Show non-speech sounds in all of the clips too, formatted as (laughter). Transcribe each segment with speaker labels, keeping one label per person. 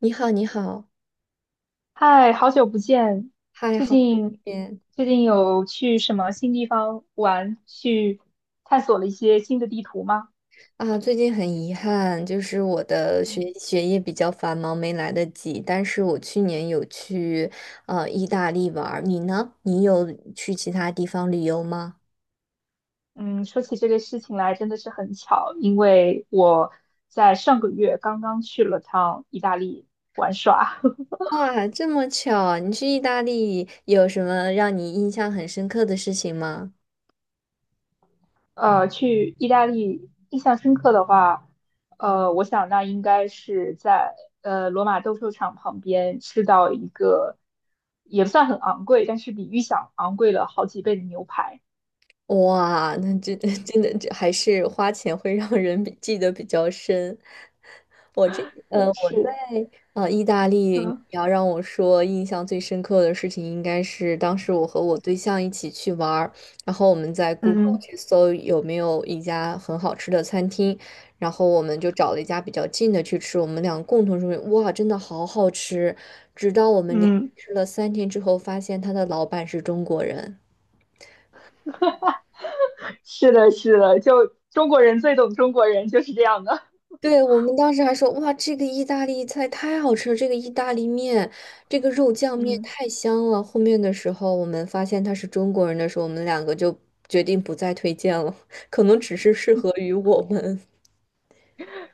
Speaker 1: 你好，你好，
Speaker 2: 嗨，好久不见！
Speaker 1: 嗨，
Speaker 2: 最
Speaker 1: 好久不
Speaker 2: 近
Speaker 1: 见
Speaker 2: 最近有去什么新地方玩，去探索了一些新的地图吗？
Speaker 1: 啊！最近很遗憾，就是我的学
Speaker 2: 嗯
Speaker 1: 学业比较繁忙，没来得及。但是我去年有去意大利玩儿，你呢？你有去其他地方旅游吗？
Speaker 2: 嗯，说起这个事情来，真的是很巧，因为我在上个月刚刚去了趟意大利玩耍。(laughs)
Speaker 1: 哇，这么巧啊你去意大利有什么让你印象很深刻的事情吗？
Speaker 2: 去意大利印象深刻的话，我想那应该是在罗马斗兽场旁边吃到一个也不算很昂贵，但是比预想昂贵了好几倍的牛排。
Speaker 1: 哇，那真 (laughs) 真的这还是花钱会让人比记得比较深。
Speaker 2: 嗯，
Speaker 1: 我在
Speaker 2: 是，
Speaker 1: 意大利，你
Speaker 2: 嗯
Speaker 1: 要让我说印象最深刻的事情，应该是当时我和我对象一起去玩儿，然后我们在 Google
Speaker 2: 嗯
Speaker 1: 去搜有没有一家很好吃的餐厅，然后我们就找了一家比较近的去吃，我们俩共同说，哇，真的好好吃，直到我们连
Speaker 2: 嗯，
Speaker 1: 吃了三天之后，发现他的老板是中国人。
Speaker 2: (laughs) 是的，是的，就中国人最懂中国人，就是这样的。
Speaker 1: 对，我们当时还说，哇，这个意大利菜太好吃了，这个意大利面，这个肉酱面
Speaker 2: 嗯。
Speaker 1: 太香了。后面的时候，我们发现他是中国人的时候，我们两个就决定不再推荐了，(laughs) 可能只是适合于我们。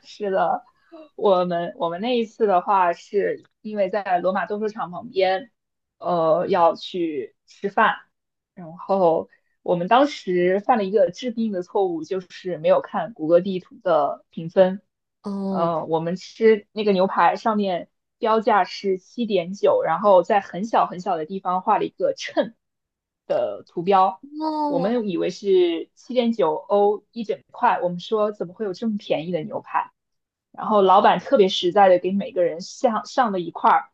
Speaker 2: 是的，我们那一次的话，是因为在罗马斗兽场旁边，要去吃饭，然后我们当时犯了一个致命的错误，就是没有看谷歌地图的评分。
Speaker 1: (laughs) 哦
Speaker 2: 我们吃那个牛排上面标价是七点九，然后在很小很小的地方画了一个秤，我
Speaker 1: 哦，
Speaker 2: 们以为是七点九欧一整块，我们说怎么会有这么便宜的牛排？然后老板特别实在的给每个人上上了一块儿，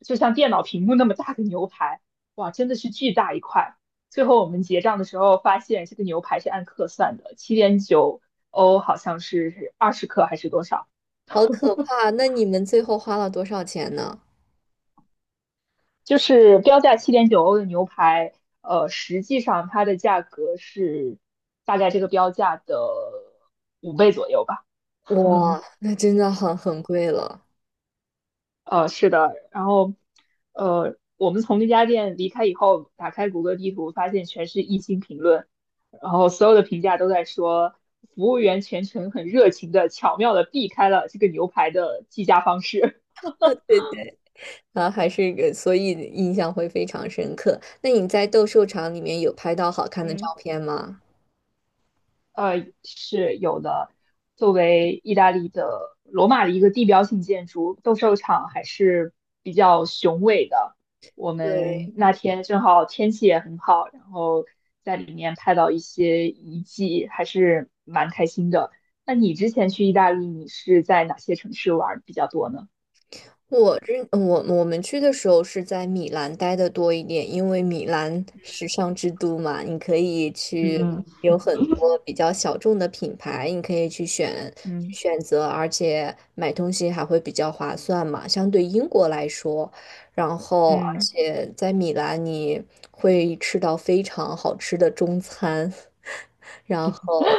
Speaker 2: 就像电脑屏幕那么大的牛排，哇，真的是巨大一块。最后我们结账的时候发现，这个牛排是按克算的，七点九欧好像是20克还是多少，
Speaker 1: 好可怕！那你们最后花了多少钱呢？
Speaker 2: 就是标价七点九欧的牛排，实际上它的价格是大概这个标价的5倍左右吧。
Speaker 1: 哇，
Speaker 2: (laughs)
Speaker 1: 那真的很贵了。
Speaker 2: 是的，然后，我们从那家店离开以后，打开谷歌地图，发现全是一星评论，然后所有的评价都在说，服务员全程很热情的、巧妙的避开了这个牛排的计价方式。
Speaker 1: 对对，啊，还是一个，所以印象会非常深刻。那你在斗兽场里面有拍到好
Speaker 2: (laughs)
Speaker 1: 看的照
Speaker 2: 嗯。
Speaker 1: 片吗？
Speaker 2: 是有的。作为意大利的罗马的一个地标性建筑，斗兽场还是比较雄伟的。我
Speaker 1: 对。
Speaker 2: 们那天正好天气也很好，然后在里面拍到一些遗迹，还是蛮开心的。那你之前去意大利，你是在哪些城市玩儿比较多呢？
Speaker 1: 我这我我们去的时候是在米兰待的多一点，因为米兰时尚之都嘛，你可以去
Speaker 2: 嗯
Speaker 1: 有很多比较小众的品牌，你可以去选
Speaker 2: 嗯
Speaker 1: 选择，而且买东西还会比较划算嘛，相对英国来说。然后，而
Speaker 2: 嗯
Speaker 1: 且在米兰你会吃到非常好吃的中餐，(laughs) 然后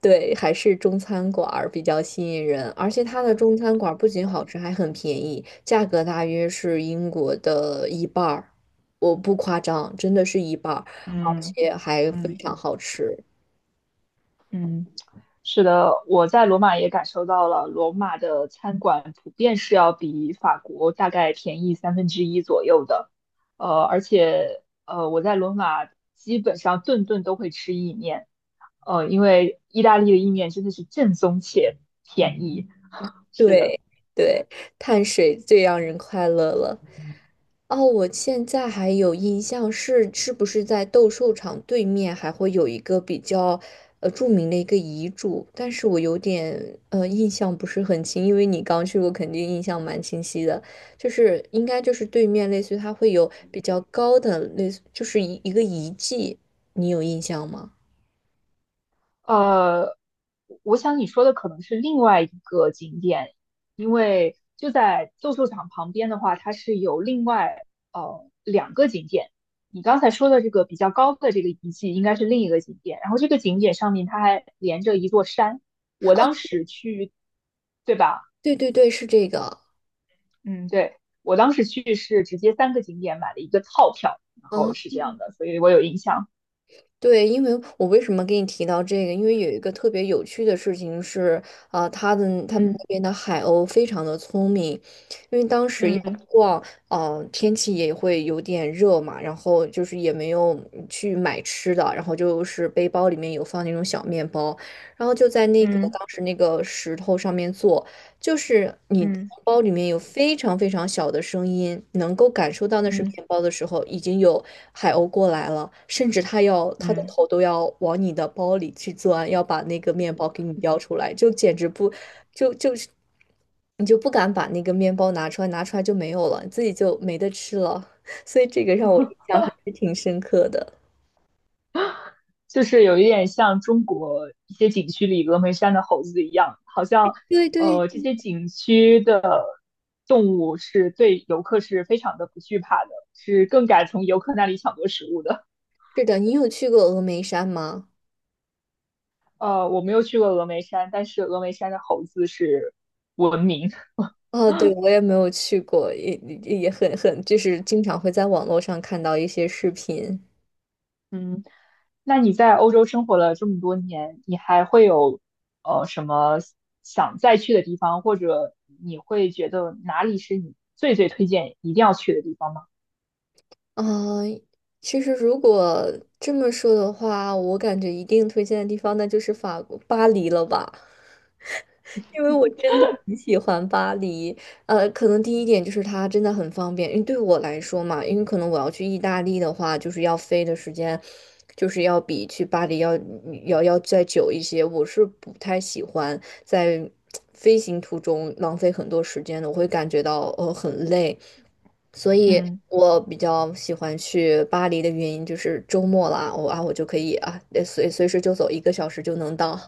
Speaker 1: 对，还是中餐馆儿比较吸引人，而且它的中餐馆儿不仅好吃，还很便宜，价格大约是英国的一半儿，我不夸张，真的是一半儿，而
Speaker 2: 嗯
Speaker 1: 且还非
Speaker 2: 嗯。
Speaker 1: 常好吃。
Speaker 2: 嗯，是的，我在罗马也感受到了，罗马的餐馆普遍是要比法国大概便宜1/3左右的，而且我在罗马基本上顿顿都会吃意面，因为意大利的意面真的是正宗且便宜。是的。
Speaker 1: 对对，碳水最让人快乐了。哦，我现在还有印象是，是不是在斗兽场对面还会有一个比较著名的一个遗嘱？但是我有点印象不是很清，因为你刚去过，肯定印象蛮清晰的。就是应该就是对面，类似于它会有比较高的，类似就是一个遗迹，你有印象吗？
Speaker 2: 呃，我想你说的可能是另外一个景点，因为就在斗兽场旁边的话，它是有另外2个景点。你刚才说的这个比较高的这个遗迹，应该是另一个景点。然后这个景点上面它还连着一座山。我当时去，对吧？
Speaker 1: 对对对，是这个。
Speaker 2: 嗯，对，我当时去是直接3个景点买了一个套票，然后是
Speaker 1: 啊。
Speaker 2: 这样的，所以我有印象。
Speaker 1: 对，因为我为什么给你提到这个？因为有一个特别有趣的事情是，啊、他们那
Speaker 2: 嗯
Speaker 1: 边的海鸥非常的聪明，因为当时要
Speaker 2: 嗯
Speaker 1: 逛，呃，天气也会有点热嘛，然后就是也没有去买吃的，然后就是背包里面有放那种小面包，然后就在那个
Speaker 2: 嗯
Speaker 1: 当时那个石头上面坐，就是你的面
Speaker 2: 嗯
Speaker 1: 包里面有非常非常小的声音，能够感受到那是
Speaker 2: 嗯
Speaker 1: 面包的时候，已经有海鸥过来了，甚至它要它的
Speaker 2: 嗯嗯。
Speaker 1: 头都要往你的包里去钻，要把那个面包给你叼出来，就简直不，就是你就不敢把那个面包拿出来，拿出来就没有了，自己就没得吃了。(laughs) 所以这个让我印象还是挺深刻的。
Speaker 2: 就是有一点像中国一些景区里峨眉山的猴子一样，好像
Speaker 1: 对对，
Speaker 2: 这些景区的动物是对游客是非常的不惧怕的，是更敢从游客那里抢夺食物的。
Speaker 1: 是的，你有去过峨眉山吗？
Speaker 2: 我没有去过峨眉山，但是峨眉山的猴子是闻名。(laughs)
Speaker 1: 哦，对，我也没有去过，也很，就是经常会在网络上看到一些视频。
Speaker 2: 嗯，那你在欧洲生活了这么多年，你还会有什么想再去的地方，或者你会觉得哪里是你最推荐一定要去的地方吗？
Speaker 1: 啊，其实如果这么说的话，我感觉一定推荐的地方那就是法国巴黎了吧。因为我真的很喜欢巴黎，呃，可能第一点就是它真的很方便，因为对我来说嘛，因为可能我要去意大利的话，就是要飞的时间，就是要比去巴黎要再久一些。我是不太喜欢在飞行途中浪费很多时间的，我会感觉到很累，所以
Speaker 2: 嗯。
Speaker 1: 我比较喜欢去巴黎的原因就是周末啦，我就可以随时就走，一个小时就能到。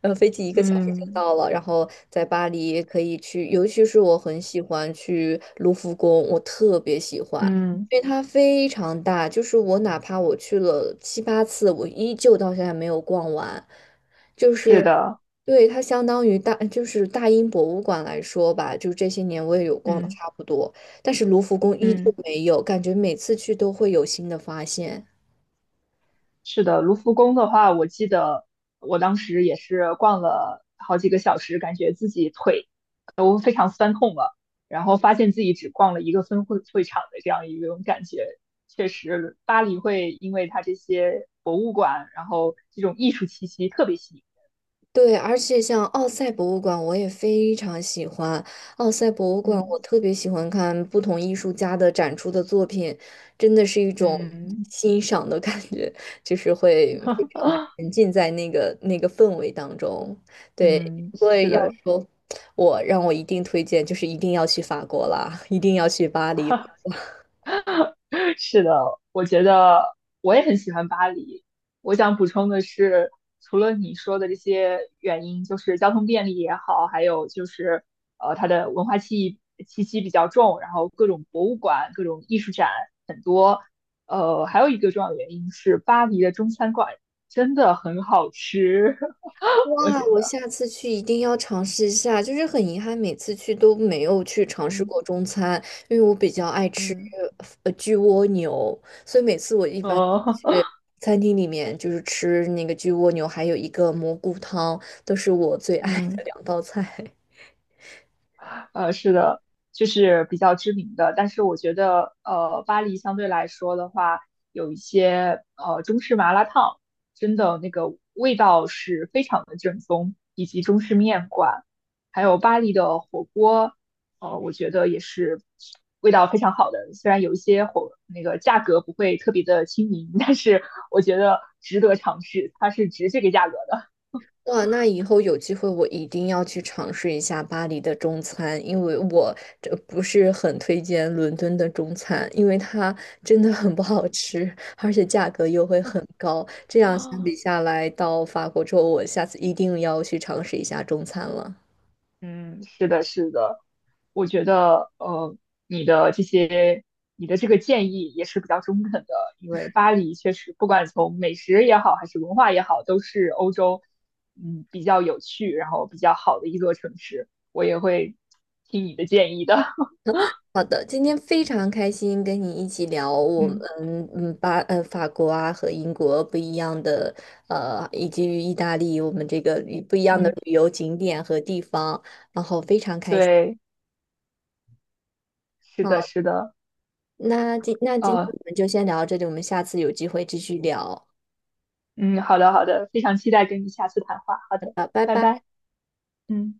Speaker 1: 呃，飞机一个小时就
Speaker 2: 嗯
Speaker 1: 到了，然后在巴黎可以去，尤其是我很喜欢去卢浮宫，我特别喜欢，
Speaker 2: 嗯，
Speaker 1: 因为它非常大，就是我哪怕我去了七八次，我依旧到现在没有逛完，就
Speaker 2: 是
Speaker 1: 是。
Speaker 2: 的，
Speaker 1: 对，它相当于大，就是大英博物馆来说吧，就这些年我也有逛的
Speaker 2: 嗯
Speaker 1: 差不多，但是卢浮宫依旧
Speaker 2: 嗯，
Speaker 1: 没有，感觉每次去都会有新的发现。
Speaker 2: 是的。卢浮宫的话，我记得我当时也是逛了好几个小时，感觉自己腿都非常酸痛了，然后发现自己只逛了一个分会会场的这样一种感觉。确实，巴黎会因为它这些博物馆，然后这种艺术气息特别吸引。
Speaker 1: 对，而且像奥赛博物馆，我也非常喜欢。奥赛博物馆，
Speaker 2: 嗯
Speaker 1: 我特别喜欢看不同艺术家的展出的作品，真的是一种
Speaker 2: 嗯
Speaker 1: 欣赏的感觉，就是会非常的
Speaker 2: (laughs)
Speaker 1: 沉浸在那个氛围当中。对，
Speaker 2: 嗯，
Speaker 1: 不过
Speaker 2: 是
Speaker 1: 要
Speaker 2: 的。
Speaker 1: 说让我一定推荐，就是一定要去法国啦，一定要去巴黎。
Speaker 2: 是的，我觉得我也很喜欢巴黎。我想补充的是，除了你说的这些原因，就是交通便利也好，还有就是它的文化气息比较重，然后各种博物馆、各种艺术展很多。还有一个重要的原因是，巴黎的中餐馆真的很好吃，(laughs) 我
Speaker 1: 哇，
Speaker 2: 觉
Speaker 1: 我
Speaker 2: 得。
Speaker 1: 下次去一定要尝试一下。就是很遗憾，每次去都没有去尝试
Speaker 2: 嗯
Speaker 1: 过中餐，因为我比较爱吃
Speaker 2: 嗯
Speaker 1: 焗蜗牛，所以每次我一般
Speaker 2: 嗯
Speaker 1: 去餐厅里面就是吃那个焗蜗牛，还有一个蘑菇汤，都是我最
Speaker 2: (laughs)
Speaker 1: 爱的
Speaker 2: 嗯。
Speaker 1: 两道菜。
Speaker 2: 是的，就是比较知名的。但是我觉得，巴黎相对来说的话，有一些中式麻辣烫，真的那个味道是非常的正宗，以及中式面馆，还有巴黎的火锅，我觉得也是味道非常好的。虽然有一些火那个价格不会特别的亲民，但是我觉得值得尝试，它是值这个价格的。
Speaker 1: 哇，那以后有机会我一定要去尝试一下巴黎的中餐，因为我这不是很推荐伦敦的中餐，因为它真的很不好吃，而且价格又会很高。这样相比
Speaker 2: (laughs)
Speaker 1: 下来，到法国之后，我下次一定要去尝试一下中餐了。
Speaker 2: 嗯，是的，是的，我觉得你的这些，你的这个建议也是比较中肯的，因为巴黎确实不管从美食也好，还是文化也好，都是欧洲嗯比较有趣，然后比较好的一座城市。我也会听你的建议的。
Speaker 1: 好的，今天非常开心跟你一起聊
Speaker 2: (laughs)
Speaker 1: 我们
Speaker 2: 嗯
Speaker 1: 法国啊和英国不一样的以及意大利我们这个不一样的
Speaker 2: 嗯，
Speaker 1: 旅游景点和地方。
Speaker 2: 对，是的，
Speaker 1: 啊。
Speaker 2: 是的，
Speaker 1: 那今那今天
Speaker 2: 呃，
Speaker 1: 我们就先聊到这里，我们下次有机会继续聊。好
Speaker 2: 嗯，好的，好的，非常期待跟你下次谈话。好的，
Speaker 1: 的，拜
Speaker 2: 拜
Speaker 1: 拜。
Speaker 2: 拜。嗯。